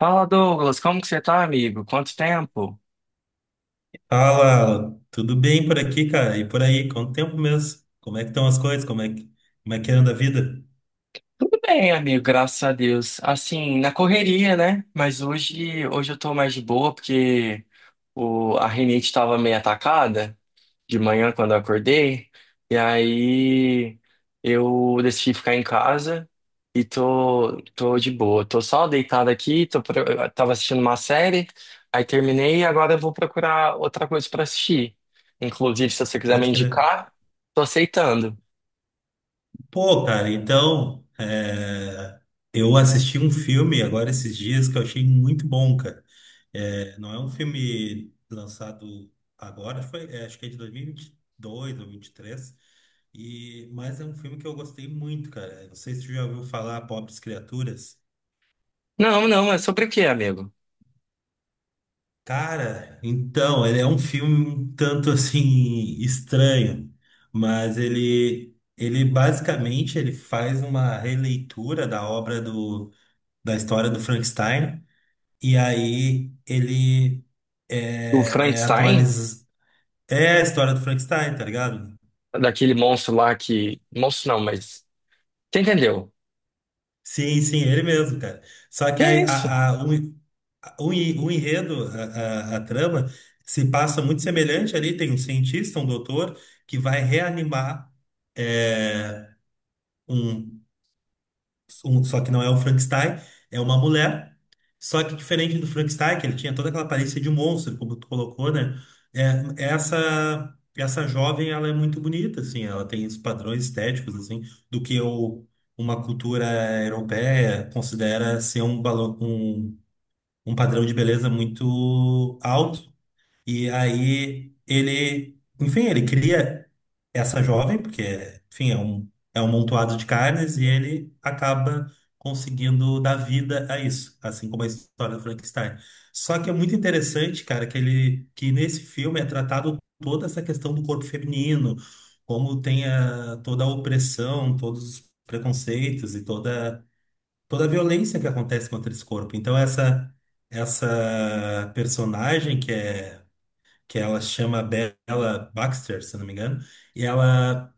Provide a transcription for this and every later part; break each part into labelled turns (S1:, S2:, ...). S1: Fala, Douglas, como que você tá, amigo? Quanto tempo?
S2: Fala, Alan. Tudo bem por aqui, cara? E por aí? Quanto tempo mesmo? Como é que estão as coisas? Como é que anda a vida?
S1: Tudo bem, amigo, graças a Deus. Assim, na correria, né? Mas hoje eu tô mais de boa porque a rinite estava meio atacada de manhã quando eu acordei. E aí eu decidi ficar em casa e tô de boa. Tô só deitado aqui, eu tava assistindo uma série, aí terminei e agora eu vou procurar outra coisa pra assistir. Inclusive, se você quiser me
S2: Pode crer.
S1: indicar, tô aceitando.
S2: Pô, cara, então, é, eu assisti um filme agora esses dias que eu achei muito bom, cara. Não é um filme lançado agora, acho que é de 2022 ou 2023, mas é um filme que eu gostei muito, cara. Não sei se tu já ouviu falar, Pobres Criaturas.
S1: Não, não, é sobre o que, amigo?
S2: Cara, então, ele é um filme um tanto assim estranho, mas ele basicamente ele faz uma releitura da história do Frankenstein, e aí ele
S1: O
S2: é
S1: Frankenstein,
S2: atualiza é a história do Frankenstein, tá ligado?
S1: daquele monstro lá que. Monstro não, mas. Você entendeu?
S2: Sim, sim, ele mesmo, cara. Só
S1: Que
S2: que
S1: é isso?
S2: a- o O, en- O enredo, a trama, se passa muito semelhante ali. Tem um cientista, um doutor, que vai reanimar é, um, Só que não é um Frankenstein, é uma mulher. Só que diferente do Frankenstein, que ele tinha toda aquela aparência de monstro, como tu colocou, né? Essa jovem, ela é muito bonita, assim. Ela tem os padrões estéticos, assim, do que o, uma cultura europeia considera ser um balão. Um padrão de beleza muito alto. E aí ele, enfim, ele cria essa jovem, porque, enfim, é um montoado de carnes, e ele acaba conseguindo dar vida a isso, assim como a história do Frankenstein. Só que é muito interessante, cara, que ele, que nesse filme é tratado toda essa questão do corpo feminino, como tem toda a opressão, todos os preconceitos e toda a violência que acontece contra esse corpo. Então essa personagem que é que ela chama Bella Baxter, se não me engano, e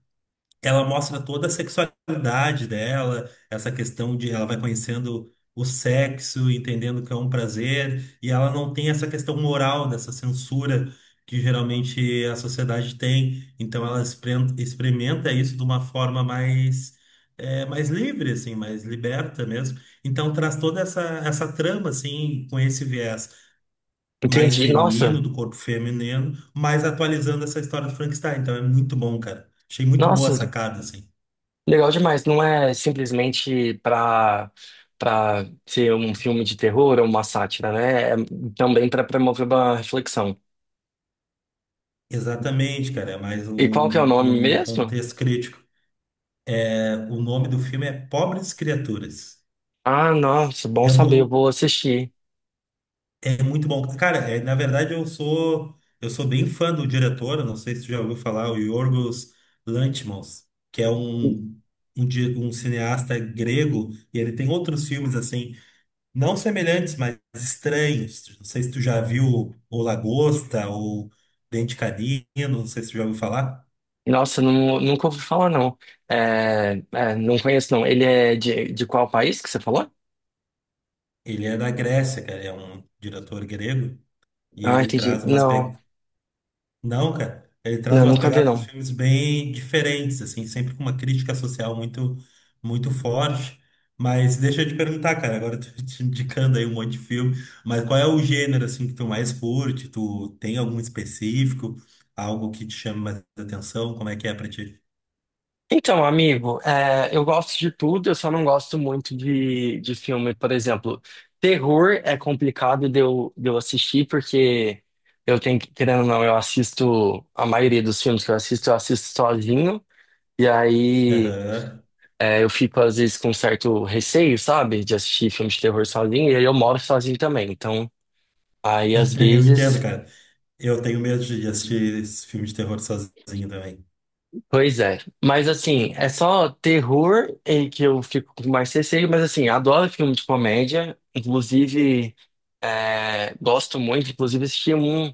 S2: ela mostra toda a sexualidade dela, essa questão de ela vai conhecendo o sexo, entendendo que é um prazer, e ela não tem essa questão moral dessa censura que geralmente a sociedade tem. Então ela experimenta isso de uma forma mais mais livre, assim, mais liberta mesmo. Então traz toda essa trama assim com esse viés mais
S1: Entendi.
S2: feminino
S1: Nossa,
S2: do corpo feminino, mas atualizando essa história do Frankenstein. Então é muito bom, cara. Achei muito boa a
S1: nossa,
S2: sacada, assim.
S1: legal demais. Não é simplesmente pra ser um filme de terror ou uma sátira, né? É também pra promover uma reflexão.
S2: Exatamente, cara, é mais
S1: E qual que é o
S2: um,
S1: nome
S2: num
S1: mesmo?
S2: contexto crítico. É, o nome do filme é Pobres Criaturas.
S1: Ah, nossa, bom
S2: É, um
S1: saber, eu
S2: do,
S1: vou assistir.
S2: é muito bom. Cara, é, na verdade eu sou bem fã do diretor, eu não sei se tu já ouviu falar, o Yorgos Lanthimos, que é um cineasta grego, e ele tem outros filmes assim, não semelhantes, mas estranhos. Não sei se tu já viu O Lagosta ou Dente Canino, não sei se tu já ouviu falar.
S1: Nossa, não, nunca ouvi falar, não. Não conheço, não. Ele é de qual país que você falou?
S2: Ele é da Grécia, cara, é um diretor grego e
S1: Ah,
S2: ele
S1: entendi.
S2: traz umas
S1: Não.
S2: pe... Não, cara, ele traz
S1: Não,
S2: umas
S1: nunca vi,
S2: pegadas dos
S1: não.
S2: filmes bem diferentes, assim, sempre com uma crítica social muito forte. Mas deixa eu te perguntar, cara, agora eu tô te indicando aí um monte de filme, mas qual é o gênero assim que tu mais curte? Tu tem algum específico, algo que te chama mais atenção? Como é que é pra ti?
S1: Então, amigo, eu gosto de tudo, eu só não gosto muito de filme, por exemplo. Terror é complicado de eu assistir, porque eu tenho que, querendo ou não, eu assisto, a maioria dos filmes que eu assisto sozinho, e aí
S2: Aham.
S1: eu fico, às vezes, com certo receio, sabe, de assistir filme de terror sozinho, e aí eu moro sozinho também, então, aí, às
S2: Eu entendo,
S1: vezes.
S2: cara. Eu tenho medo de assistir esse filme de terror sozinho também.
S1: Pois é, mas assim, é só terror em que eu fico com mais receio, mas assim, adoro filme de comédia, inclusive gosto muito, inclusive assisti um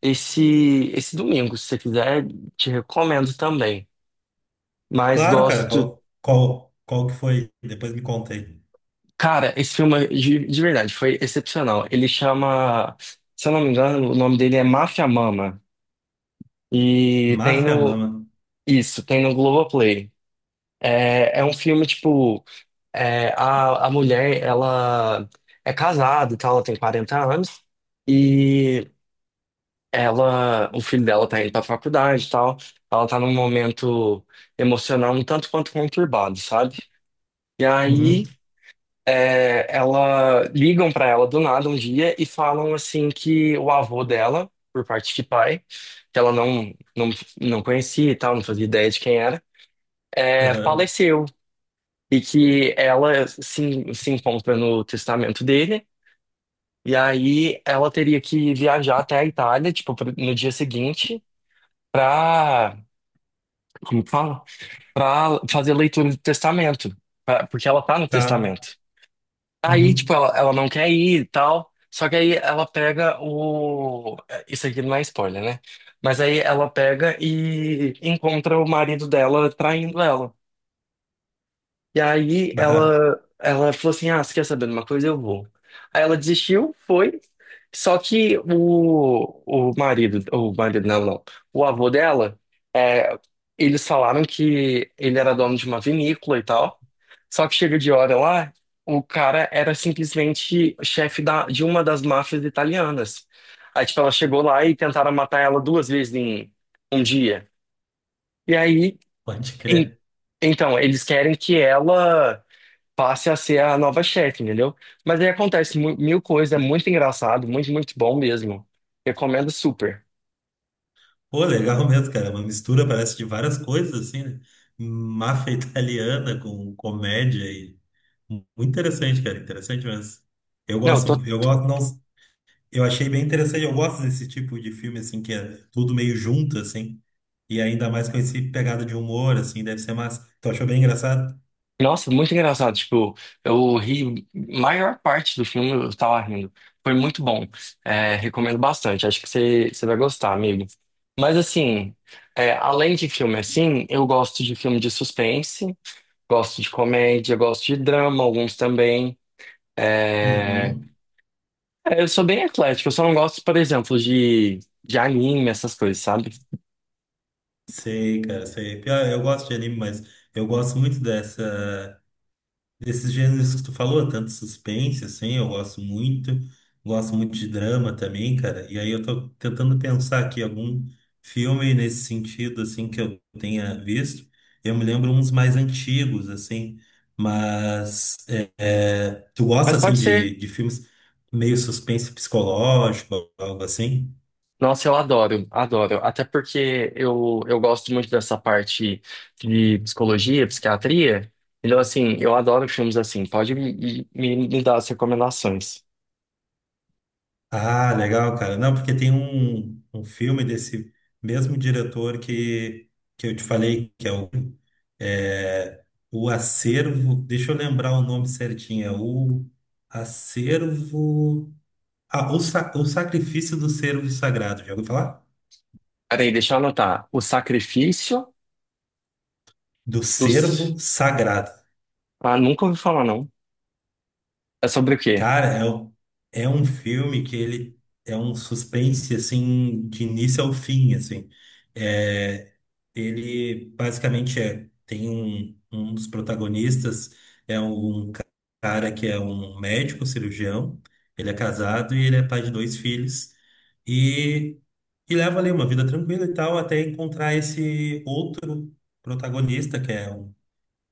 S1: esse domingo, se você quiser, te recomendo também. Mas
S2: Claro, cara,
S1: gosto,
S2: qual que foi? Depois me contei.
S1: cara, esse filme de verdade foi excepcional. Ele chama, se eu não me engano, o nome dele é Mafia Mama e tem
S2: Máfia
S1: no,
S2: Mama.
S1: isso, tem no Globoplay. É, é um filme, tipo. É, a mulher, ela é casada e tal, ela tem 40 anos, e ela, o filho dela tá indo pra faculdade e tal, ela tá num momento emocional um tanto quanto conturbado, sabe? E aí,
S2: Uhum.
S1: é, ela, ligam pra ela do nada um dia e falam, assim, que o avô dela, por parte de pai, que ela não, não conhecia e tal, não fazia ideia de quem era, é,
S2: Aham.
S1: faleceu. E que ela se encontra no testamento dele, e aí ela teria que viajar até a Itália, tipo, pro- no dia seguinte, pra, como que fala? Pra fazer a leitura do testamento, pra- porque ela tá no
S2: Tá.
S1: testamento. Aí, tipo,
S2: Uhum.
S1: ela não quer ir e tal, só que aí ela pega o... Isso aqui não é spoiler, né? Mas aí ela pega e encontra o marido dela traindo ela. E aí
S2: Bah,
S1: ela falou assim: Ah, você quer saber de uma coisa? Eu vou. Aí ela desistiu, foi. Só que o, não, não. O avô dela, é, eles falaram que ele era dono de uma vinícola e tal. Só que chega de hora lá, o cara era simplesmente chefe de uma das máfias italianas. Aí, tipo, ela chegou lá e tentaram matar ela duas vezes em um dia. E aí,
S2: pode
S1: em-
S2: crer.
S1: então, eles querem que ela passe a ser a nova chefe, entendeu? Mas aí acontece mu- mil coisas, é muito engraçado, muito, muito bom mesmo. Recomendo super.
S2: Pô, legal mesmo, cara. Uma mistura, parece, de várias coisas, assim, né? Máfia italiana com comédia e... Muito interessante, cara. Interessante mesmo.
S1: Não, eu tô.
S2: Eu gosto, não, eu achei bem interessante. Eu gosto desse tipo de filme, assim, que é tudo meio junto, assim. E ainda mais com esse pegada de humor, assim, deve ser massa. Tu achou bem engraçado?
S1: Nossa, muito engraçado. Tipo, eu ri, maior parte do filme eu tava rindo. Foi muito bom. É, recomendo bastante. Acho que você vai gostar, amigo. Mas assim, é, além de filme assim, eu gosto de filme de suspense, gosto de comédia, gosto de drama, alguns também. É,
S2: Uhum.
S1: É, eu sou bem eclético, eu só não gosto, por exemplo, de anime, essas coisas, sabe?
S2: Sei, cara, sei. Pior, eu gosto de anime, mas eu gosto muito dessa. Desses gêneros que tu falou, tanto suspense, assim, eu gosto muito. Gosto muito de drama também, cara. E aí eu tô tentando pensar aqui algum filme nesse sentido, assim, que eu tenha visto. Eu me lembro uns mais antigos, assim. Tu gosta,
S1: Mas
S2: assim,
S1: pode ser.
S2: de filmes meio suspense psicológico, algo assim?
S1: Nossa, adoro. Até porque eu gosto muito dessa parte de psicologia, psiquiatria. Então, assim, eu adoro filmes assim. Pode me dar as recomendações.
S2: Ah, legal, cara. Não, porque tem um filme desse mesmo diretor que eu te falei, que é o, é, o Acervo. Deixa eu lembrar o nome certinho. É o Acervo. O Sacrifício do Cervo Sagrado. Já ouviu falar?
S1: Peraí, deixa eu anotar. O Sacrifício
S2: Do
S1: dos...
S2: Cervo Sagrado.
S1: Ah, nunca ouvi falar, não. É sobre o quê?
S2: Cara, é, o- é um filme que ele é um suspense, assim, de início ao fim, assim. É, ele basicamente é, tem um dos protagonistas, é um ca- cara que é um médico cirurgião, ele é casado e ele é pai de dois filhos, e, e leva ali uma vida tranquila e tal, até encontrar esse outro protagonista, que é um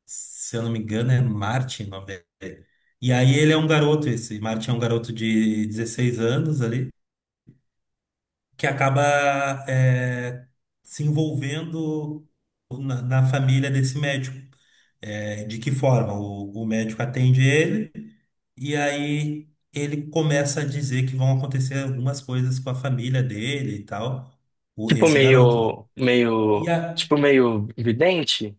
S2: se eu não me engano, é Martin o nome dele. E aí ele é um garoto, esse Martin é um garoto de 16 anos ali, que acaba é, se envolvendo na família desse médico. É, de que forma? O médico atende ele, e aí ele começa a dizer que vão acontecer algumas coisas com a família dele e tal,
S1: Tipo
S2: esse garoto, né?
S1: meio...
S2: E
S1: meio...
S2: a,
S1: Tipo meio vidente?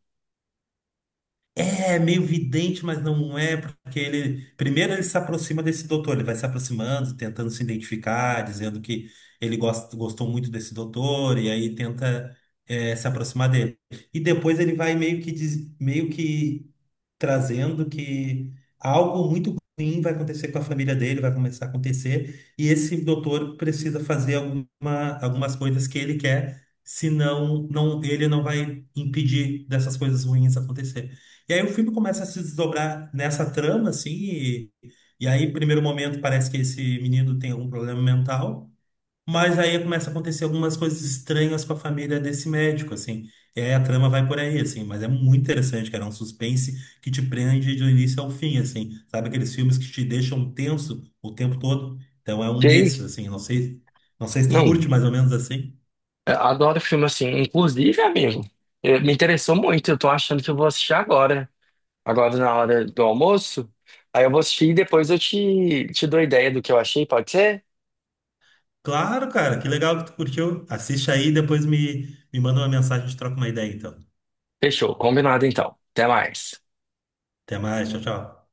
S2: é meio vidente, mas não é, porque ele. Primeiro ele se aproxima desse doutor, ele vai se aproximando, tentando se identificar, dizendo que gostou muito desse doutor, e aí tenta se aproximar dele. E depois ele vai meio que, meio que trazendo que algo muito ruim vai acontecer com a família dele, vai começar a acontecer, e esse doutor precisa fazer algumas coisas que ele quer, senão não, ele não vai impedir dessas coisas ruins e aí o filme começa a se desdobrar nessa trama, assim, e aí, primeiro momento, parece que esse menino tem algum problema mental, mas aí começa a acontecer algumas coisas estranhas com a família desse médico, assim. E aí a trama vai por aí, assim, mas é muito interessante, cara, é um suspense que te prende do início ao fim, assim. Sabe aqueles filmes que te deixam tenso o tempo todo? Então é um
S1: Sei.
S2: desses, assim, não sei, não sei se tu
S1: Não.
S2: curte mais ou menos assim.
S1: Eu adoro filme assim. Inclusive, amigo, eh, me interessou muito. Eu tô achando que eu vou assistir agora. Agora na hora do almoço. Aí eu vou assistir e depois eu te dou ideia do que eu achei, pode ser?
S2: Claro, cara, que legal que tu curtiu. Assiste aí, depois me manda uma mensagem, a gente troca uma ideia, então.
S1: Fechou, combinado então. Até mais.
S2: Até mais, tchau, tchau.